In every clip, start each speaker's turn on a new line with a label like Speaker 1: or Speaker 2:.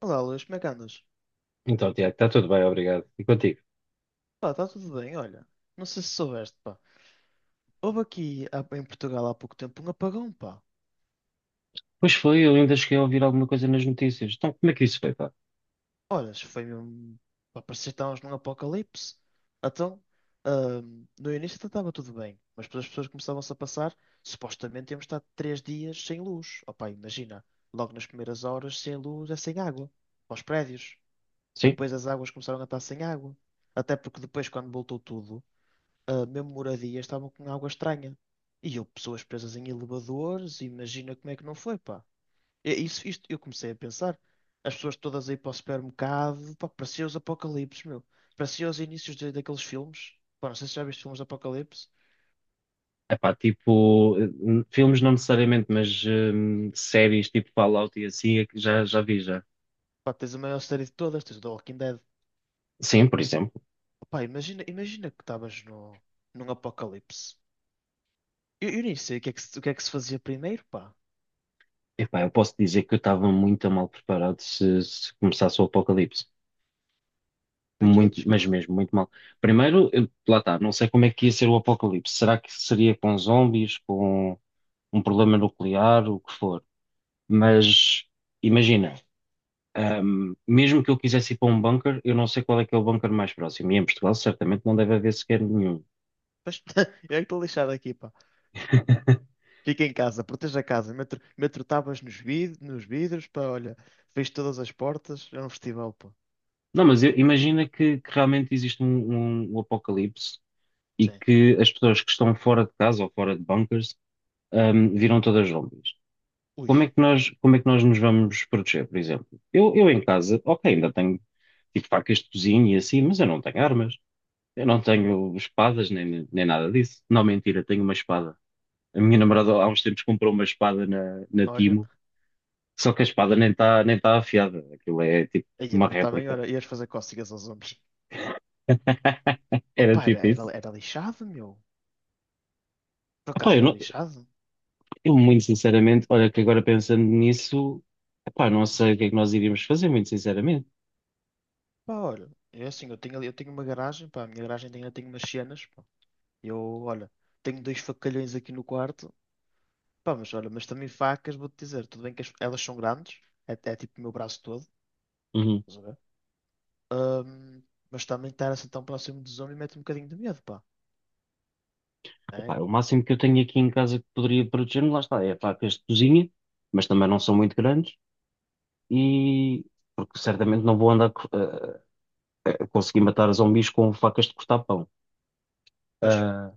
Speaker 1: Olá, Luís, como é que andas?
Speaker 2: Então, Tiago, está tudo bem, obrigado. E contigo?
Speaker 1: Pá, está tudo bem, olha. Não sei se soubeste, pá. Houve aqui em Portugal há pouco tempo um apagão, pá.
Speaker 2: Pois foi, eu ainda cheguei a ouvir alguma coisa nas notícias. Então, como é que isso foi, pá?
Speaker 1: Olha, isso foi mesmo. Pá, parecia que estávamos num apocalipse. Então, no início até estava tudo bem, mas depois as pessoas começavam-se a passar. Supostamente íamos estar 3 dias sem luz. Oh, pá, imagina. Logo nas primeiras horas, sem luz é sem água. Para os prédios.
Speaker 2: Sim?
Speaker 1: Depois as águas começaram a estar sem água. Até porque depois, quando voltou tudo. Mesmo moradias, estavam com água estranha. E eu, pessoas presas em elevadores, imagina como é que não foi, pá. É isso, isto, eu comecei a pensar. As pessoas todas aí para o supermercado, pá, parecia os apocalipses, meu. Parecia os inícios daqueles filmes. Pá, não sei se já viste filmes de apocalipse.
Speaker 2: É pá, tipo, filmes não necessariamente, mas séries tipo Fallout e assim, é que já vi já.
Speaker 1: Pá, tens a maior série de todas, tens o The Walking Dead.
Speaker 2: Sim, por exemplo.
Speaker 1: Pá, imagina, imagina que estavas no, num apocalipse. Eu nem sei o que é que se fazia primeiro, pá.
Speaker 2: Epá, eu posso dizer que eu estava muito mal preparado se começasse o apocalipse.
Speaker 1: Vi
Speaker 2: Muito,
Speaker 1: todos,
Speaker 2: mas
Speaker 1: pá.
Speaker 2: mesmo, muito mal. Primeiro, lá está, não sei como é que ia ser o apocalipse. Será que seria com zombies, com um problema nuclear, o que for? Mas imagina. Mesmo que eu quisesse ir para um bunker, eu não sei qual é que é o bunker mais próximo. E em Portugal, certamente, não deve haver sequer nenhum.
Speaker 1: Mas eu é que estou lixado aqui, pá. Fica em casa, proteja a casa, meto tábuas nos vidros, pá, olha, fecho todas as portas, é um festival, pá.
Speaker 2: Não, mas imagina que realmente existe um apocalipse e
Speaker 1: Sim.
Speaker 2: que as pessoas que estão fora de casa ou fora de bunkers, viram todas zombies.
Speaker 1: Ui,
Speaker 2: Como é que nós nos vamos proteger, por exemplo? Eu em casa, ok, ainda tenho tipo facas de cozinha e assim, mas eu não tenho armas. Eu não tenho espadas nem nada disso. Não, mentira, tenho uma espada. A minha namorada há uns tempos comprou uma espada na
Speaker 1: olha,
Speaker 2: Timo. Só que a espada nem está nem tá afiada. Aquilo é tipo
Speaker 1: aí,
Speaker 2: uma
Speaker 1: também,
Speaker 2: réplica.
Speaker 1: olha, ias fazer cócegas aos homens. Oh,
Speaker 2: Era
Speaker 1: pá, era,
Speaker 2: tipo
Speaker 1: era,
Speaker 2: isso.
Speaker 1: era lixado, meu. Por
Speaker 2: Epá,
Speaker 1: acaso
Speaker 2: eu,
Speaker 1: era
Speaker 2: não-
Speaker 1: lixado?
Speaker 2: eu muito sinceramente, olha que agora pensando nisso, epá, não sei o que é que nós iríamos fazer, muito sinceramente.
Speaker 1: Pá, olha, é assim, eu tenho ali, eu tenho uma garagem, pá, a minha garagem tem, eu tenho umas cenas, pá. Eu, olha, tenho dois facalhões aqui no quarto, pá, mas olha, mas também facas, vou-te dizer, tudo bem que elas são grandes, é tipo o meu braço todo,
Speaker 2: Uhum.
Speaker 1: estás a ver? Ahm, mas também estar assim tão próximo do zombie mete um bocadinho de medo, pá. Né?
Speaker 2: Epá, o máximo que eu tenho aqui em casa que poderia proteger-me, lá está, é facas de cozinha, mas também não são muito grandes e porque certamente não vou andar a conseguir matar zumbis com facas de cortar pão.
Speaker 1: Mas,
Speaker 2: Ah,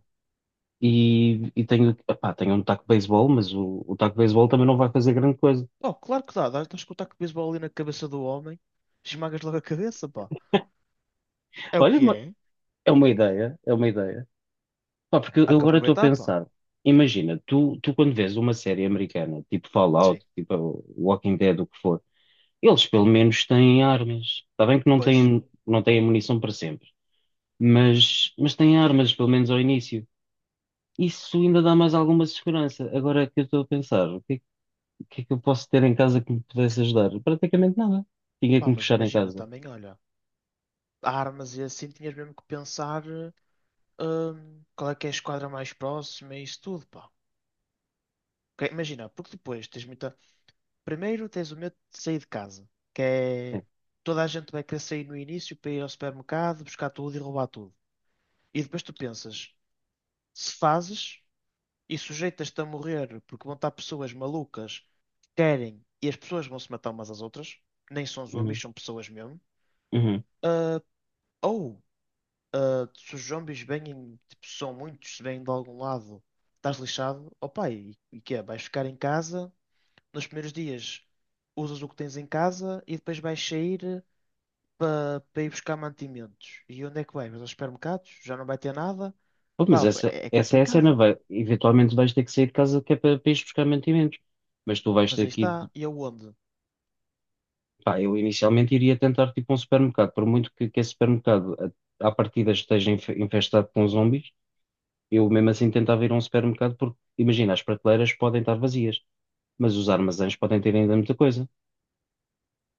Speaker 2: e tenho, epá, tenho um taco de beisebol, mas o taco de beisebol também não vai fazer grande coisa.
Speaker 1: oh, claro que dá. Dás com o taco de beisebol ali na cabeça do homem, esmagas logo a cabeça, pá. É o
Speaker 2: Olha,
Speaker 1: que é.
Speaker 2: é uma ideia, é uma ideia. Pá, porque
Speaker 1: Há
Speaker 2: eu
Speaker 1: que
Speaker 2: agora estou a
Speaker 1: aproveitar, pá.
Speaker 2: pensar, imagina, tu quando vês uma série americana, tipo
Speaker 1: Sim.
Speaker 2: Fallout, tipo Walking Dead, o que for, eles pelo menos têm armas. Está bem que não
Speaker 1: Pois,
Speaker 2: têm, não têm munição para sempre, mas têm armas, pelo menos ao início. Isso ainda dá mais alguma segurança. Agora que eu estou a pensar, o que é que eu posso ter em casa que me pudesse ajudar? Praticamente nada. Tinha que
Speaker 1: pá,
Speaker 2: me
Speaker 1: mas
Speaker 2: fechar em
Speaker 1: imagina
Speaker 2: casa.
Speaker 1: também, olha, armas e assim tinhas mesmo que pensar qual é que é a esquadra mais próxima e isso tudo, pá. Ok, imagina, porque depois tens muita. Primeiro tens o medo de sair de casa, que
Speaker 2: Sim.
Speaker 1: é. Toda a gente vai querer sair no início para ir ao supermercado, buscar tudo e roubar tudo. E depois tu pensas, se fazes e sujeitas-te a morrer porque vão estar pessoas malucas que querem e as pessoas vão se matar umas às outras, nem são zombies,
Speaker 2: Uhum.
Speaker 1: são pessoas mesmo.
Speaker 2: Uhum.
Speaker 1: Ah, ou se os zombies vêm, tipo, são muitos, se vêm de algum lado, estás lixado, opa, e que é? Vais ficar em casa, nos primeiros dias usas o que tens em casa e depois vais sair para ir buscar mantimentos. E onde é que vais? Vais aos supermercados? Já não vai ter nada?
Speaker 2: Pô, mas
Speaker 1: Pá,
Speaker 2: essa,
Speaker 1: é
Speaker 2: essa é a cena,
Speaker 1: complicado.
Speaker 2: eventualmente vais ter que sair de casa que é para ires buscar mantimentos. Mas tu vais
Speaker 1: Mas
Speaker 2: ter
Speaker 1: aí
Speaker 2: que
Speaker 1: está,
Speaker 2: ir,
Speaker 1: e aonde?
Speaker 2: pá, eu inicialmente iria tentar tipo um supermercado, por muito que esse supermercado à partida esteja infestado com zombies, eu mesmo assim tentava ir a um supermercado porque, imagina, as prateleiras podem estar vazias, mas os armazéns podem ter ainda muita coisa.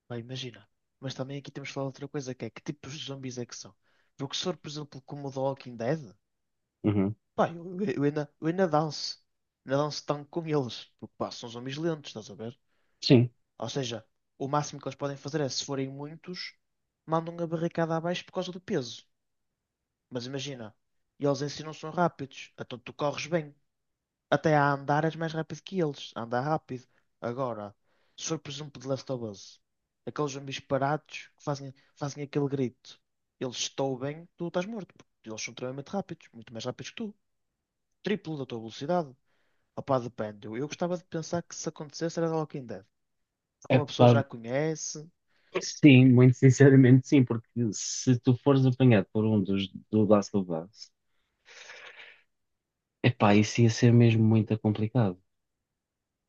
Speaker 1: Pá, imagina. Mas também aqui temos que falar de outra coisa, que é que tipos de zombies é que são? Porque se for, por exemplo, como o The Walking Dead,
Speaker 2: Uhum.
Speaker 1: pá, eu ainda danço. Ainda danço tanto com eles. Porque, pá, são zombies lentos, estás a ver?
Speaker 2: Sim,
Speaker 1: Ou seja, o máximo que eles podem fazer é, se forem muitos, mandam a barricada abaixo por causa do peso. Mas imagina, eles em si não são rápidos, então tu corres bem. Até a andar és mais rápido que eles. Anda rápido. Agora, se for por exemplo de Last of Us, aqueles zumbis parados que fazem aquele grito. Eles estão bem, tu estás morto. Porque eles são extremamente rápidos, muito mais rápidos que tu. Triplo da tua velocidade. Opá, depende. Eu gostava de pensar que se acontecesse era The Walking Dead. Porque
Speaker 2: é
Speaker 1: uma pessoa
Speaker 2: pá,
Speaker 1: já conhece.
Speaker 2: sim, muito sinceramente sim, porque se tu fores apanhado por um dos do Last of Us, é pá, isso ia ser mesmo muito complicado.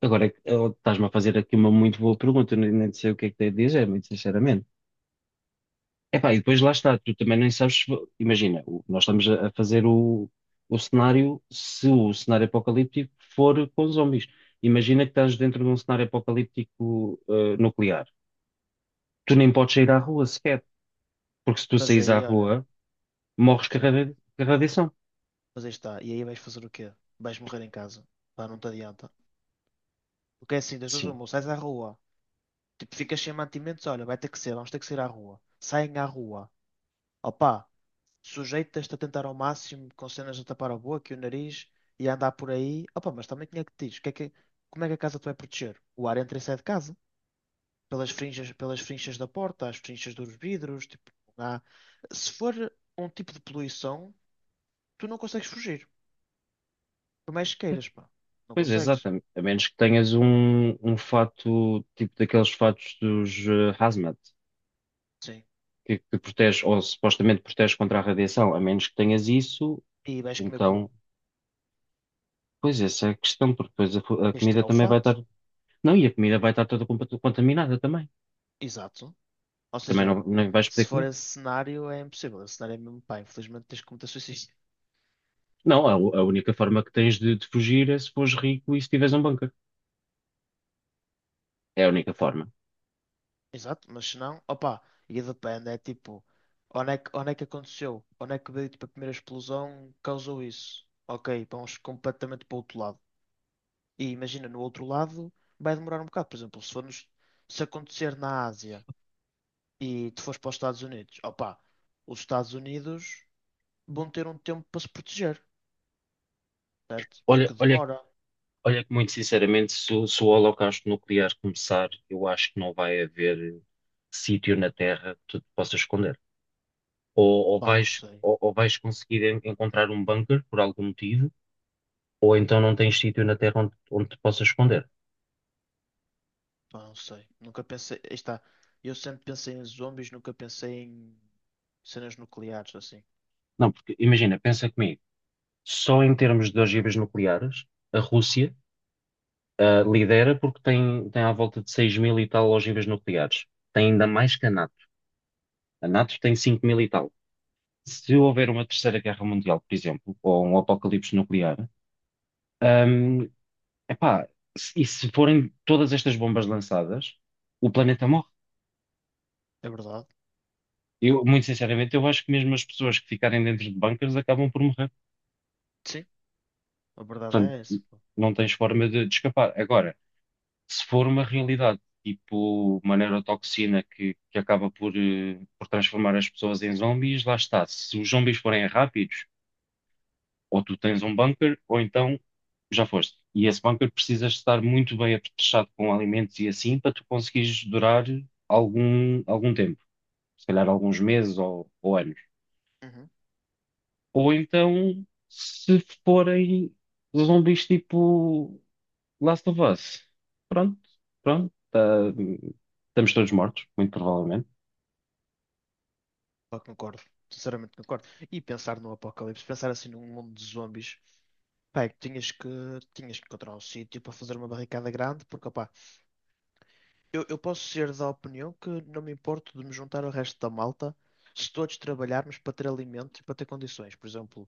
Speaker 2: Agora, estás-me a fazer aqui uma muito boa pergunta, eu nem sei o que é que tenho a dizer, muito sinceramente. Epá, e depois lá está, tu também nem sabes, se vo- imagina, nós estamos a fazer o cenário, se o cenário apocalíptico for com zombies. Imagina que estás dentro de um cenário apocalíptico, nuclear. Tu nem
Speaker 1: Sim.
Speaker 2: podes sair à rua sequer, porque se tu
Speaker 1: Mas
Speaker 2: saís à
Speaker 1: aí, olha,
Speaker 2: rua, morres com a
Speaker 1: sim.
Speaker 2: radia- com a radiação.
Speaker 1: Mas aí está. E aí vais fazer o quê? Vais morrer em casa. Pá, não te adianta. Porque é assim, das duas
Speaker 2: Sim,
Speaker 1: uma, ou sais à rua. Tipo, ficas sem mantimentos, olha, vai ter que ser, vamos ter que sair à rua. Saem à rua. Opa, sujeitas-te a tentar ao máximo com cenas a tapar a boca e o nariz e a andar por aí. Opa, mas também tinha que te dizer, o que é que- como é que a casa tu vai proteger? O ar entra e sai de casa. Pelas frinchas da porta, as frinchas dos vidros, tipo, não há. Se for um tipo de poluição, tu não consegues fugir. Por mais que queiras, pá. Não
Speaker 2: pois é,
Speaker 1: consegues.
Speaker 2: exatamente. A menos que tenhas um fato, tipo daqueles fatos dos hazmat.
Speaker 1: Sim.
Speaker 2: Que protege, ou supostamente protege contra a radiação, a menos que tenhas isso,
Speaker 1: E vais comer como?
Speaker 2: então, pois essa é a questão, porque depois a
Speaker 1: Tens de
Speaker 2: comida
Speaker 1: tirar o
Speaker 2: também vai
Speaker 1: fato.
Speaker 2: estar. Não, e a comida vai estar toda contaminada também.
Speaker 1: Exato. Ou
Speaker 2: Também
Speaker 1: seja,
Speaker 2: não vais
Speaker 1: se
Speaker 2: poder
Speaker 1: for
Speaker 2: comer.
Speaker 1: esse cenário, é impossível. Esse cenário é mesmo, pá, infelizmente tens que cometer suicídio.
Speaker 2: Não, a única forma que tens de fugir é se fores rico e se tiveres um bunker. É a única forma.
Speaker 1: Exato, mas se não, opa, e depende, é tipo, onde é que aconteceu? Onde é que veio, tipo, a primeira explosão causou isso? Ok, vamos completamente para o outro lado. E imagina, no outro lado vai demorar um bocado. Por exemplo, se acontecer na Ásia e tu fores para os Estados Unidos, opa, os Estados Unidos vão ter um tempo para se proteger, certo?
Speaker 2: Olha,
Speaker 1: Porque
Speaker 2: olha
Speaker 1: demora,
Speaker 2: Olha que muito sinceramente, se o holocausto nuclear começar, eu acho que não vai haver sítio na Terra que tu te possas esconder. Ou
Speaker 1: opa, não
Speaker 2: vais,
Speaker 1: sei.
Speaker 2: ou vais conseguir encontrar um bunker por algum motivo, ou então não tens sítio na Terra onde te possas esconder.
Speaker 1: Pá, não sei. Nunca pensei. Aí está. Eu sempre pensei em zombies, nunca pensei em cenas nucleares, assim.
Speaker 2: Não, porque imagina, pensa comigo, só em termos de ogivas nucleares, a Rússia lidera porque tem à volta de 6 mil e tal ogivas nucleares. Tem ainda mais que a NATO. A NATO tem 5 mil e tal. Se houver uma terceira guerra mundial, por exemplo, ou um apocalipse nuclear, hum, epá, e se forem todas estas bombas lançadas, o planeta morre.
Speaker 1: É verdade?
Speaker 2: Eu, muito sinceramente, eu acho que mesmo as pessoas que ficarem dentro de bunkers acabam por morrer.
Speaker 1: Sim, a verdade
Speaker 2: Portanto,
Speaker 1: é essa. Pá,
Speaker 2: não tens forma de escapar. Agora, se for uma realidade, tipo uma neurotoxina que acaba por transformar as pessoas em zombies, lá está. Se os zombies forem rápidos, ou tu tens um bunker, ou então já foste. E esse bunker precisas estar muito bem apetrechado com alimentos e assim para tu conseguires durar algum tempo, se calhar alguns meses ou anos.
Speaker 1: uhum.
Speaker 2: Ou então, se forem zombies tipo Last of Us, pronto, pronto, estamos todos mortos, muito provavelmente.
Speaker 1: Pá, concordo. Sinceramente concordo. E pensar no apocalipse, pensar assim num mundo de zombies, pá, é que tinhas que encontrar um sítio para fazer uma barricada grande, porque, opá, eu posso ser da opinião que não me importo de me juntar ao resto da malta se todos trabalharmos para ter alimento e para ter condições. Por exemplo,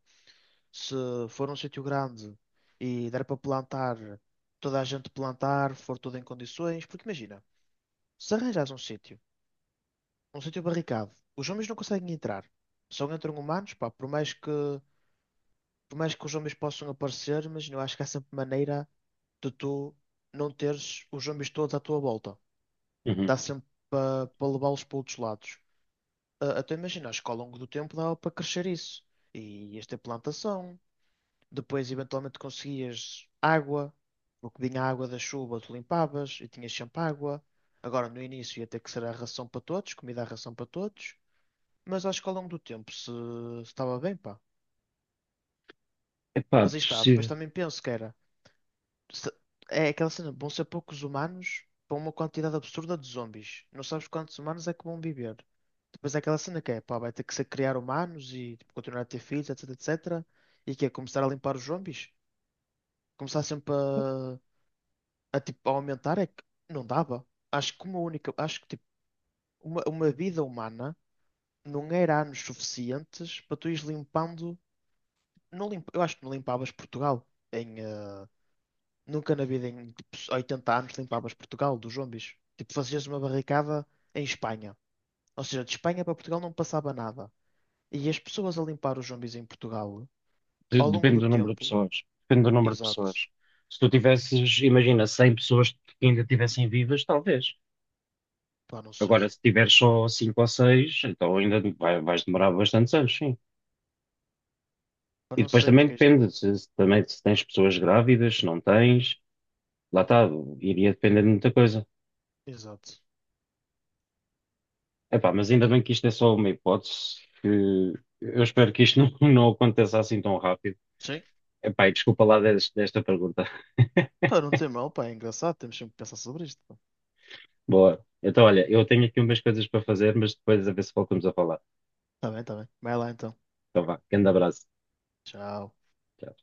Speaker 1: se for um sítio grande e der para plantar, toda a gente plantar, for tudo em condições, porque imagina, se arranjas um sítio barricado, os homens não conseguem entrar, só entram humanos, pá, por mais que os homens possam aparecer, mas eu acho que há sempre maneira de tu não teres os homens todos à tua volta.
Speaker 2: Uhum.
Speaker 1: Dá sempre para levá-los para outros lados. Até imagina, acho que ao longo do tempo dava para crescer isso. E ias ter plantação. Depois, eventualmente, conseguias água, o que vinha a água da chuva, tu limpavas e tinhas sempre água. Agora, no início, ia ter que ser a ração para todos, comida à ração para todos. Mas acho que ao longo do tempo se estava bem, pá.
Speaker 2: Epá,
Speaker 1: Mas aí está. Depois
Speaker 2: possível.
Speaker 1: também penso que era. se- É aquela cena, vão ser poucos humanos para uma quantidade absurda de zombies. Não sabes quantos humanos é que vão viver. Depois é aquela cena que é, pá, vai ter que ser criar humanos e tipo, continuar a ter filhos, etc, etc. E que é começar a limpar os zombies. Começar sempre a, tipo, a aumentar é que não dava. Acho que uma vida humana não era anos suficientes para tu ires limpando. Não limpa, Eu acho que não limpavas Portugal em nunca na vida em tipo, 80 anos limpavas Portugal dos zombies. Tipo, fazias uma barricada em Espanha. Ou seja, de Espanha para Portugal não passava nada. E as pessoas a limpar os zombies em Portugal, ao longo
Speaker 2: Depende
Speaker 1: do
Speaker 2: do número de
Speaker 1: tempo,
Speaker 2: pessoas. Depende do número de
Speaker 1: exato.
Speaker 2: pessoas. Se tu tivesses, imagina, 100 pessoas que ainda estivessem vivas, talvez.
Speaker 1: Pá, não
Speaker 2: Agora,
Speaker 1: sei.
Speaker 2: se tiveres só 5 ou 6, então ainda vais demorar bastantes anos, sim.
Speaker 1: Pá,
Speaker 2: E
Speaker 1: não
Speaker 2: depois
Speaker 1: sei
Speaker 2: também
Speaker 1: porque isto.
Speaker 2: depende, se também, se tens pessoas grávidas, se não tens, lá está, iria depender de muita coisa.
Speaker 1: Exato.
Speaker 2: Epá, mas ainda bem que isto é só uma hipótese, que eu espero que isto não aconteça assim tão rápido.
Speaker 1: Sim.
Speaker 2: Epá, e desculpa lá desta pergunta.
Speaker 1: Pá, não tem mal, pá, é engraçado, temos sempre que pensar sobre isto. Pá.
Speaker 2: Boa. Então, olha, eu tenho aqui umas coisas para fazer, mas depois a ver se voltamos a falar.
Speaker 1: Tá bem, tá bem. Vai lá então.
Speaker 2: Então, vá, grande abraço.
Speaker 1: Tchau.
Speaker 2: Tchau.